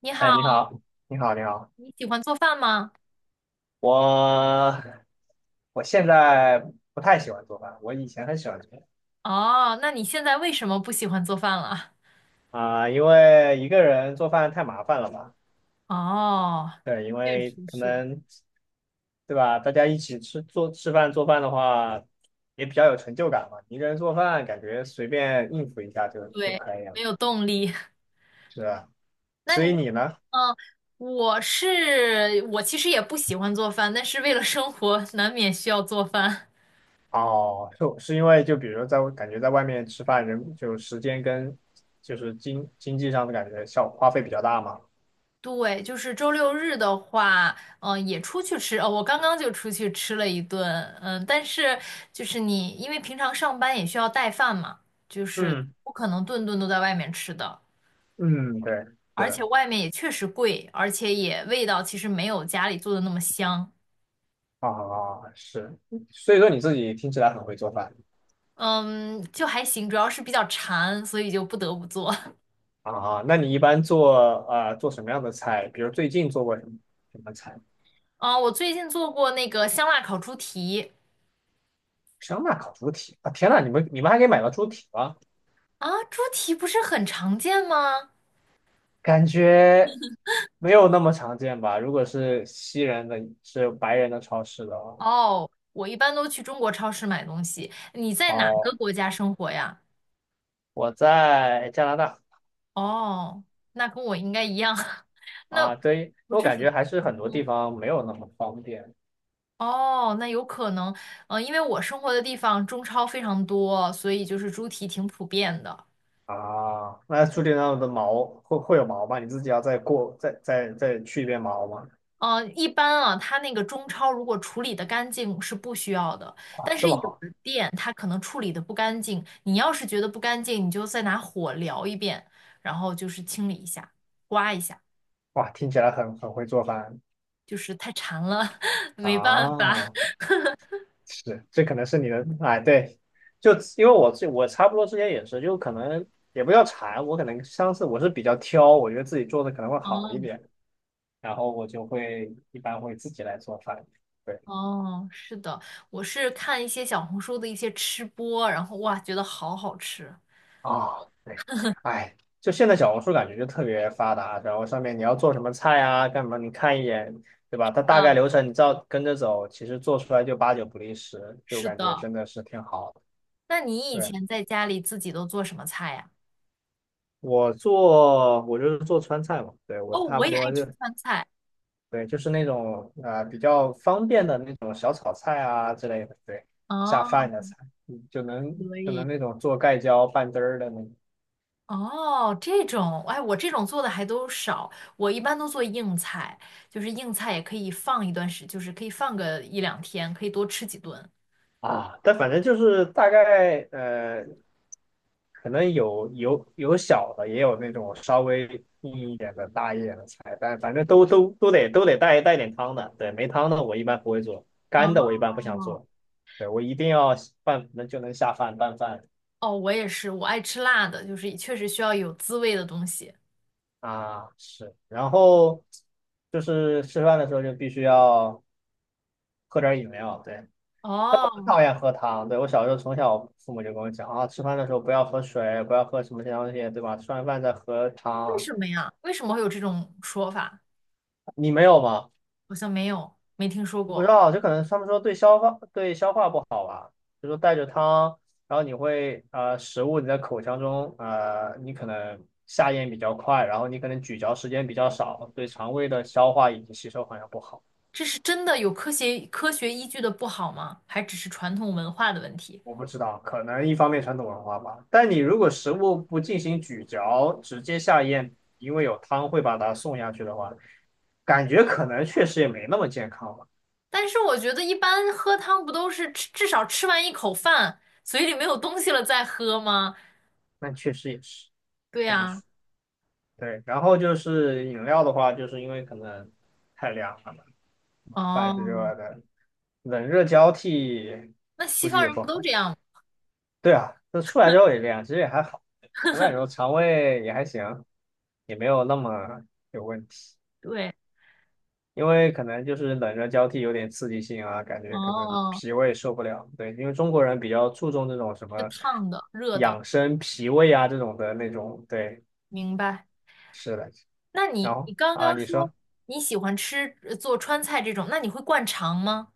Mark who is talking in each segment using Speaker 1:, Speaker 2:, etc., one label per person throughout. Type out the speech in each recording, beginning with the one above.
Speaker 1: 你
Speaker 2: 哎，
Speaker 1: 好，
Speaker 2: 你好，你好，你好，
Speaker 1: 你喜欢做饭吗？
Speaker 2: 我我现在不太喜欢做饭，我以前很喜欢做饭。
Speaker 1: 哦，那你现在为什么不喜欢做饭了？
Speaker 2: 啊，因为一个人做饭太麻烦了吧？
Speaker 1: 哦，
Speaker 2: 对，因
Speaker 1: 确
Speaker 2: 为
Speaker 1: 实
Speaker 2: 可
Speaker 1: 是，
Speaker 2: 能对吧，大家一起吃做吃饭做饭的话，也比较有成就感嘛。一个人做饭感觉随便应付一下就
Speaker 1: 对，
Speaker 2: 可以
Speaker 1: 没
Speaker 2: 了，
Speaker 1: 有动力。
Speaker 2: 是吧？
Speaker 1: 那
Speaker 2: 所以
Speaker 1: 你，
Speaker 2: 你呢？
Speaker 1: 嗯，我是，我其实也不喜欢做饭，但是为了生活，难免需要做饭。
Speaker 2: 哦，是因为就比如在感觉在外面吃饭，人就时间跟就是经济上的感觉效花费比较大嘛？
Speaker 1: 对，就是周六日的话，也出去吃。哦，我刚刚就出去吃了一顿，嗯，但是就是你，因为平常上班也需要带饭嘛，就是
Speaker 2: 嗯
Speaker 1: 不可能顿顿都在外面吃的。
Speaker 2: 嗯，对，是
Speaker 1: 而且
Speaker 2: 的，
Speaker 1: 外面也确实贵，而且也味道其实没有家里做的那么香。
Speaker 2: 啊，啊是，所以说你自己听起来很会做饭
Speaker 1: 嗯，就还行，主要是比较馋，所以就不得不做。
Speaker 2: 啊，啊那你一般做什么样的菜？比如最近做过什么菜？
Speaker 1: 啊，我最近做过那个香辣烤猪蹄
Speaker 2: 香辣烤猪蹄啊！天呐，你们还可以买到猪蹄吗？
Speaker 1: 啊，猪蹄不是很常见吗？
Speaker 2: 感觉没有那么常见吧？如果是西人的，是白人的超市的话，
Speaker 1: 哦，我一般都去中国超市买东西。你在哪个
Speaker 2: 哦，
Speaker 1: 国家生活呀？
Speaker 2: 我在加拿大
Speaker 1: 哦，那跟我应该一样，那
Speaker 2: 啊，对，
Speaker 1: 不
Speaker 2: 我
Speaker 1: 是
Speaker 2: 感
Speaker 1: 很
Speaker 2: 觉还是很多
Speaker 1: 多。
Speaker 2: 地方没有那么方便。
Speaker 1: 哦，那有可能，因为我生活的地方中超非常多，所以就是猪蹄挺普遍的。
Speaker 2: 啊，那注定上的毛会有毛吗？你自己要再过再再再去一遍毛吗？
Speaker 1: 一般啊，它那个中超如果处理的干净是不需要的，
Speaker 2: 哇，
Speaker 1: 但
Speaker 2: 这
Speaker 1: 是
Speaker 2: 么
Speaker 1: 有
Speaker 2: 好，
Speaker 1: 的店它可能处理的不干净，你要是觉得不干净，你就再拿火燎一遍，然后就是清理一下，刮一下，
Speaker 2: 哇，听起来很会做饭
Speaker 1: 就是太馋了，没办法。
Speaker 2: 啊！是，这可能是你的，哎，对，就因为我差不多之前也是，就可能也不要馋，我可能上次我是比较挑，我觉得自己做的可能会好一
Speaker 1: 哦
Speaker 2: 点，然后我一般会自己来做饭。对。
Speaker 1: 哦，是的，我是看一些小红书的一些吃播，然后哇，觉得好好吃。
Speaker 2: 啊，对，哎，就现在小红书感觉就特别发达，然后上面你要做什么菜啊，干嘛你看一眼，对吧？它
Speaker 1: 是的，
Speaker 2: 大概流程你照跟着走，其实做出来就八九不离十，就
Speaker 1: 是
Speaker 2: 感觉
Speaker 1: 的。
Speaker 2: 真的是挺好的。
Speaker 1: 那你以
Speaker 2: 对，
Speaker 1: 前在家里自己都做什么菜呀？
Speaker 2: 我就是做川菜嘛，对，我
Speaker 1: 哦，
Speaker 2: 差
Speaker 1: 我
Speaker 2: 不
Speaker 1: 也爱
Speaker 2: 多就，
Speaker 1: 吃川菜。
Speaker 2: 对，就是那种啊比较方便的那种小炒菜啊之类的，对，下
Speaker 1: 哦，
Speaker 2: 饭的菜，嗯就能
Speaker 1: 可
Speaker 2: 就能
Speaker 1: 以。
Speaker 2: 那种做盖浇拌汁儿的那种。
Speaker 1: 哦，这种，哎，我这种做的还都少，我一般都做硬菜，就是硬菜也可以放一段时，就是可以放个一两天，可以多吃几顿。
Speaker 2: 啊，但反正就是大概可能有小的，也有那种稍微硬一点的、大一点的菜，但反正都得带点汤的。对，没汤的我一般不会做，
Speaker 1: 哦，
Speaker 2: 干的我一般不想做。对，我一定要拌，就能下饭拌饭。
Speaker 1: 哦，我也是，我爱吃辣的，就是确实需要有滋味的东西。
Speaker 2: 啊，是。然后就是吃饭的时候就必须要喝点饮料，对。但我不
Speaker 1: 哦，
Speaker 2: 讨厌喝汤，对，我小时候从小父母就跟我讲啊，吃饭的时候不要喝水，不要喝什么这些东西，对吧？吃完饭再喝
Speaker 1: 为
Speaker 2: 汤。
Speaker 1: 什么呀？为什么会有这种说法？
Speaker 2: 你没有吗？
Speaker 1: 好像没有，没听说
Speaker 2: 不知
Speaker 1: 过。
Speaker 2: 道，就可能他们说对消化不好，就说带着汤，然后你会食物你在口腔中你可能下咽比较快，然后你可能咀嚼时间比较少，对肠胃的消化以及吸收好像不好。
Speaker 1: 这是真的有科学依据的不好吗？还只是传统文化的问题？
Speaker 2: 我不知道，可能一方面传统文化吧。但你如果食物不进行咀嚼，直接下咽，因为有汤会把它送下去的话，感觉可能确实也没那么健康吧。
Speaker 1: 但是我觉得一般喝汤不都是吃至少吃完一口饭，嘴里没有东西了再喝吗？
Speaker 2: 但确实也是。
Speaker 1: 对
Speaker 2: 怎么
Speaker 1: 呀，
Speaker 2: 说？对，然后就是饮料的话，就是因为可能太凉了嘛，饭是
Speaker 1: 哦，
Speaker 2: 热的，冷热交替
Speaker 1: 那西
Speaker 2: 估计
Speaker 1: 方
Speaker 2: 也
Speaker 1: 人
Speaker 2: 不
Speaker 1: 不都
Speaker 2: 好。
Speaker 1: 这样吗？
Speaker 2: 对啊，那出来之后也这样，其实也还好，我感觉我肠胃也还行，也没有那么有问题。
Speaker 1: 对，
Speaker 2: 因为可能就是冷热交替有点刺激性啊，感觉可能
Speaker 1: 哦，
Speaker 2: 脾胃受不了。对，因为中国人比较注重这种什
Speaker 1: 是
Speaker 2: 么
Speaker 1: 烫的、热的，
Speaker 2: 养生脾胃啊这种的那种。对，
Speaker 1: 明白。
Speaker 2: 是的。
Speaker 1: 那
Speaker 2: 然
Speaker 1: 你
Speaker 2: 后
Speaker 1: 刚
Speaker 2: 啊，
Speaker 1: 刚
Speaker 2: 你
Speaker 1: 说
Speaker 2: 说。
Speaker 1: 你喜欢吃做川菜这种，那你会灌肠吗？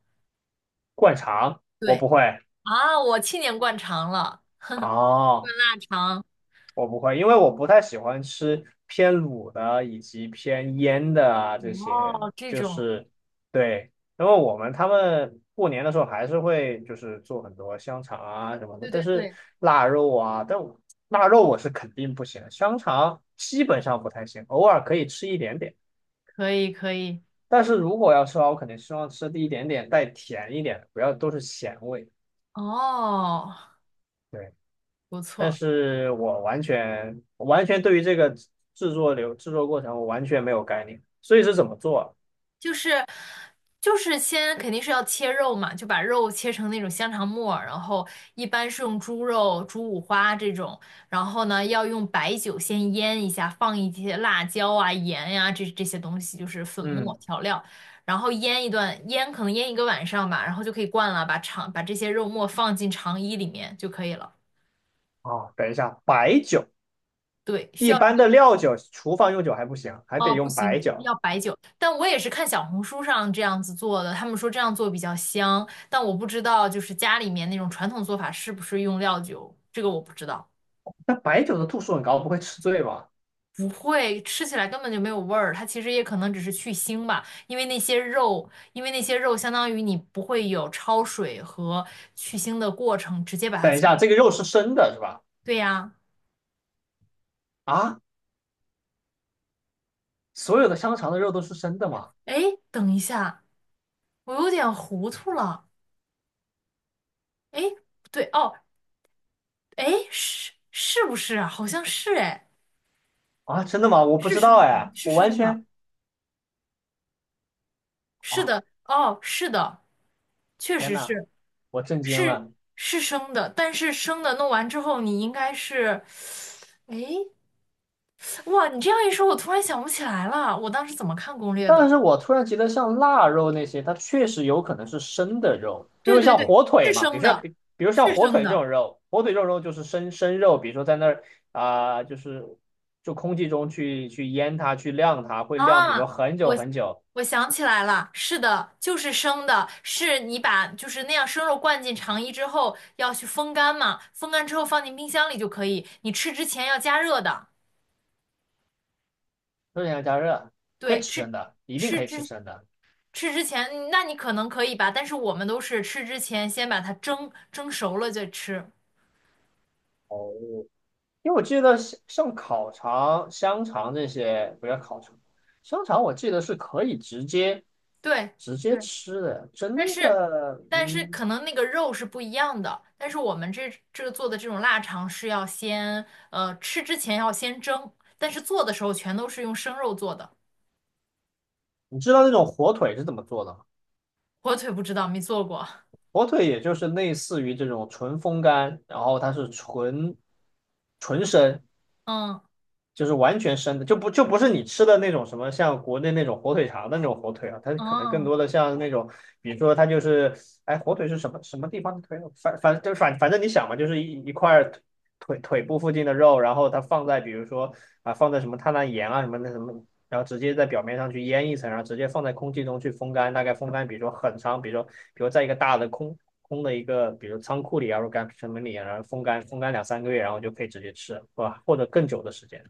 Speaker 2: 灌肠我
Speaker 1: 对
Speaker 2: 不会
Speaker 1: 啊，我去年灌肠了，
Speaker 2: 啊，
Speaker 1: 灌肠。
Speaker 2: 我不会，因为我不太喜欢吃偏卤的以及偏腌的啊这些，
Speaker 1: 哦，这
Speaker 2: 就
Speaker 1: 种，
Speaker 2: 是对，因为我们他们过年的时候还是会就是做很多香肠啊什么的，
Speaker 1: 对对
Speaker 2: 但是
Speaker 1: 对，
Speaker 2: 腊肉啊，腊肉我是肯定不行的香肠基本上不太行，偶尔可以吃一点点，
Speaker 1: 可以可以。
Speaker 2: 但是如果要吃的话，我肯定希望吃的一点点带甜一点的，不要都是咸味。
Speaker 1: 哦，
Speaker 2: 对。
Speaker 1: 不
Speaker 2: 但
Speaker 1: 错，
Speaker 2: 是我完全对于这个制作过程我完全没有概念，所以是怎么做啊
Speaker 1: 就是就是先肯定是要切肉嘛，就把肉切成那种香肠末，然后一般是用猪肉、猪五花这种，然后呢要用白酒先腌一下，放一些辣椒啊、盐呀、这些东西，就是粉末
Speaker 2: 嗯，
Speaker 1: 调料，然后腌一段，腌可能腌一个晚上吧，然后就可以灌了，把肠把这些肉末放进肠衣里面就可以了。
Speaker 2: 哦，等一下，白酒
Speaker 1: 对，需
Speaker 2: 一
Speaker 1: 要。
Speaker 2: 般的料酒，厨房用酒还不行，还得
Speaker 1: 哦，不
Speaker 2: 用
Speaker 1: 行，
Speaker 2: 白
Speaker 1: 就是
Speaker 2: 酒。
Speaker 1: 要白酒。但我也是看小红书上这样子做的，他们说这样做比较香，但我不知道就是家里面那种传统做法是不是用料酒，这个我不知道。
Speaker 2: 那白酒的度数很高，不会吃醉吧？
Speaker 1: 不会，吃起来根本就没有味儿，它其实也可能只是去腥吧，因为那些肉，因为那些肉相当于你不会有焯水和去腥的过程，直接把它
Speaker 2: 等一
Speaker 1: 切。
Speaker 2: 下，这个肉是生的是吧？
Speaker 1: 对呀，
Speaker 2: 啊，所有的香肠的肉都是生的吗？
Speaker 1: 哎，等一下，我有点糊涂了，哎，不对哦，哎，是是不是啊？好像是哎。
Speaker 2: 啊，真的吗？我不
Speaker 1: 是
Speaker 2: 知道
Speaker 1: 生的，
Speaker 2: 哎，
Speaker 1: 是
Speaker 2: 我完
Speaker 1: 生的，
Speaker 2: 全
Speaker 1: 是
Speaker 2: 啊，
Speaker 1: 的，哦，是的，确
Speaker 2: 天
Speaker 1: 实
Speaker 2: 呐，
Speaker 1: 是，
Speaker 2: 我震惊
Speaker 1: 是
Speaker 2: 了。
Speaker 1: 是生的，但是生的弄完之后，你应该是，诶，哇，你这样一说，我突然想不起来了，我当时怎么看攻略的？
Speaker 2: 但是我突然觉得像腊肉那些，它确实有可能是生的肉，因
Speaker 1: 对
Speaker 2: 为
Speaker 1: 对
Speaker 2: 像
Speaker 1: 对，
Speaker 2: 火
Speaker 1: 是
Speaker 2: 腿嘛，比
Speaker 1: 生
Speaker 2: 如像
Speaker 1: 的，
Speaker 2: 比比如像
Speaker 1: 是
Speaker 2: 火
Speaker 1: 生
Speaker 2: 腿这
Speaker 1: 的
Speaker 2: 种肉，火腿这种肉就是生肉，比如说在那儿啊、就空气中去腌它，去晾它，会晾，比如说
Speaker 1: 啊，
Speaker 2: 很久
Speaker 1: 我
Speaker 2: 很久，
Speaker 1: 我想起来了，是的，就是生的，是你把就是那样生肉灌进肠衣之后，要去风干嘛，风干之后放进冰箱里就可以，你吃之前要加热的。
Speaker 2: 热量加热，可以
Speaker 1: 对，
Speaker 2: 吃
Speaker 1: 吃
Speaker 2: 生的，一定
Speaker 1: 吃
Speaker 2: 可以吃
Speaker 1: 之
Speaker 2: 生的，
Speaker 1: 吃之前，那你可能可以吧，但是我们都是吃之前先把它蒸熟了再吃。
Speaker 2: 因为我记得像烤肠、香肠这些，不要烤肠，香肠我记得是可以直接
Speaker 1: 对，
Speaker 2: 直
Speaker 1: 对，
Speaker 2: 接吃的，真
Speaker 1: 但是
Speaker 2: 的，嗯。
Speaker 1: 可能那个肉是不一样的，但是我们这个做的这种腊肠是要先吃之前要先蒸，但是做的时候全都是用生肉做的，
Speaker 2: 你知道那种火腿是怎么做的吗？
Speaker 1: 火腿不知道没做过。
Speaker 2: 火腿也就是类似于这种纯风干，然后它是纯生，
Speaker 1: 嗯
Speaker 2: 就是完全生的，就不是你吃的那种什么像国内那种火腿肠的那种火腿啊，它可能更
Speaker 1: 嗯
Speaker 2: 多的像那种，比如说它就是，哎，火腿是什么地方的腿？反反就反反正你想嘛，就是一块腿部附近的肉，然后它放在比如说啊放在什么碳氮盐啊什么那什么，然后直接在表面上去腌一层，然后直接放在空气中去风干，大概风干比如说很长，比如在一个大的空空的一个，比如仓库里啊，或者干什么里啊，然后风干风干两三个月，然后就可以直接吃，是吧？或者更久的时间。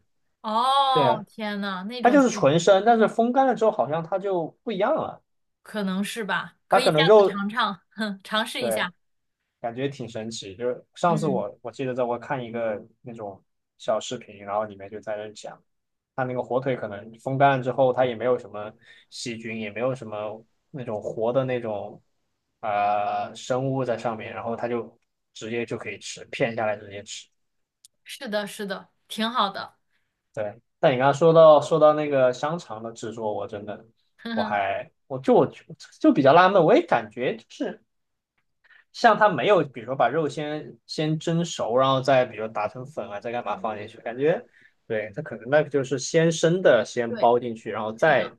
Speaker 2: 对
Speaker 1: 哦，
Speaker 2: 啊，
Speaker 1: 天呐，那
Speaker 2: 它
Speaker 1: 种
Speaker 2: 就
Speaker 1: 确
Speaker 2: 是纯
Speaker 1: 实
Speaker 2: 生，但是风干了之后好像它就不一样了，
Speaker 1: 可能是吧，可
Speaker 2: 它
Speaker 1: 以
Speaker 2: 可
Speaker 1: 下
Speaker 2: 能
Speaker 1: 次
Speaker 2: 肉，
Speaker 1: 尝尝，哼，尝试一
Speaker 2: 对，
Speaker 1: 下。
Speaker 2: 感觉挺神奇。就是上次
Speaker 1: 嗯。
Speaker 2: 我记得在我看一个那种小视频，然后里面就在那讲，它那个火腿可能风干了之后，它也没有什么细菌，也没有什么那种活的那种生物在上面，然后它就直接就可以吃，片下来直接吃。
Speaker 1: 是的，是的，挺好的，
Speaker 2: 对，但你刚刚说到那个香肠的制作，我真的
Speaker 1: 哼
Speaker 2: 我
Speaker 1: 哼，
Speaker 2: 还我就我就就比较纳闷，我也感觉就是像它没有，比如说把肉先蒸熟，然后再比如打成粉啊，再干嘛放进去，感觉对它可能那个就是先生的先
Speaker 1: 对，
Speaker 2: 包进去，然后
Speaker 1: 是的，
Speaker 2: 再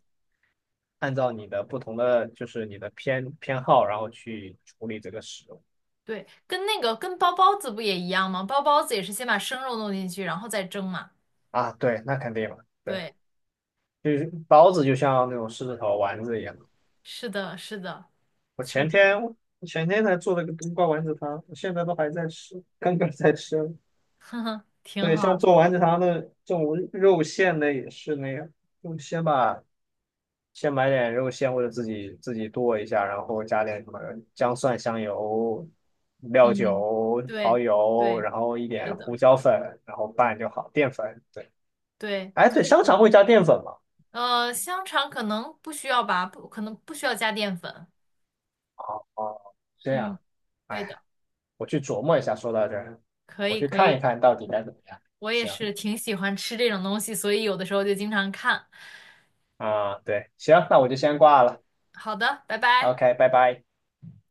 Speaker 2: 按照你的不同的就是你的偏好，然后去处理这个食物
Speaker 1: 对，跟那个跟包包子不也一样吗？包包子也是先把生肉弄进去，然后再蒸嘛。
Speaker 2: 啊，对，那肯定嘛，对，
Speaker 1: 对，
Speaker 2: 就是包子就像那种狮子头丸子一样。
Speaker 1: 是的，是的，
Speaker 2: 我
Speaker 1: 确
Speaker 2: 前
Speaker 1: 实，
Speaker 2: 天 我前天才做了个冬瓜丸子汤，我现在都还在吃，刚刚在吃。
Speaker 1: 哼哼，挺
Speaker 2: 对，
Speaker 1: 好
Speaker 2: 像
Speaker 1: 的，
Speaker 2: 做丸子汤的这种肉馅的也是那样，就先把先买点肉馅或者自己剁一下，然后加点什么姜蒜、香油、料
Speaker 1: 嗯，
Speaker 2: 酒、蚝
Speaker 1: 对，
Speaker 2: 油，
Speaker 1: 对，
Speaker 2: 然后一
Speaker 1: 是
Speaker 2: 点胡
Speaker 1: 的，
Speaker 2: 椒粉，然后拌就好。淀粉，对，
Speaker 1: 对，
Speaker 2: 哎，对，
Speaker 1: 确
Speaker 2: 香
Speaker 1: 实
Speaker 2: 肠会
Speaker 1: 是。
Speaker 2: 加淀粉吗？
Speaker 1: 香肠可能不需要吧，不，可能不需要加淀粉。
Speaker 2: 哦，这
Speaker 1: 嗯，
Speaker 2: 样，
Speaker 1: 对
Speaker 2: 哎，
Speaker 1: 的，
Speaker 2: 我去琢磨一下。说到这儿，
Speaker 1: 可
Speaker 2: 我
Speaker 1: 以，
Speaker 2: 去
Speaker 1: 可
Speaker 2: 看一
Speaker 1: 以，
Speaker 2: 看到底该怎么样。
Speaker 1: 我也
Speaker 2: 行。
Speaker 1: 是挺喜欢吃这种东西，所以有的时候就经常看。
Speaker 2: 啊，对，行，那我就先挂了。
Speaker 1: 好的，拜拜。
Speaker 2: OK，拜拜。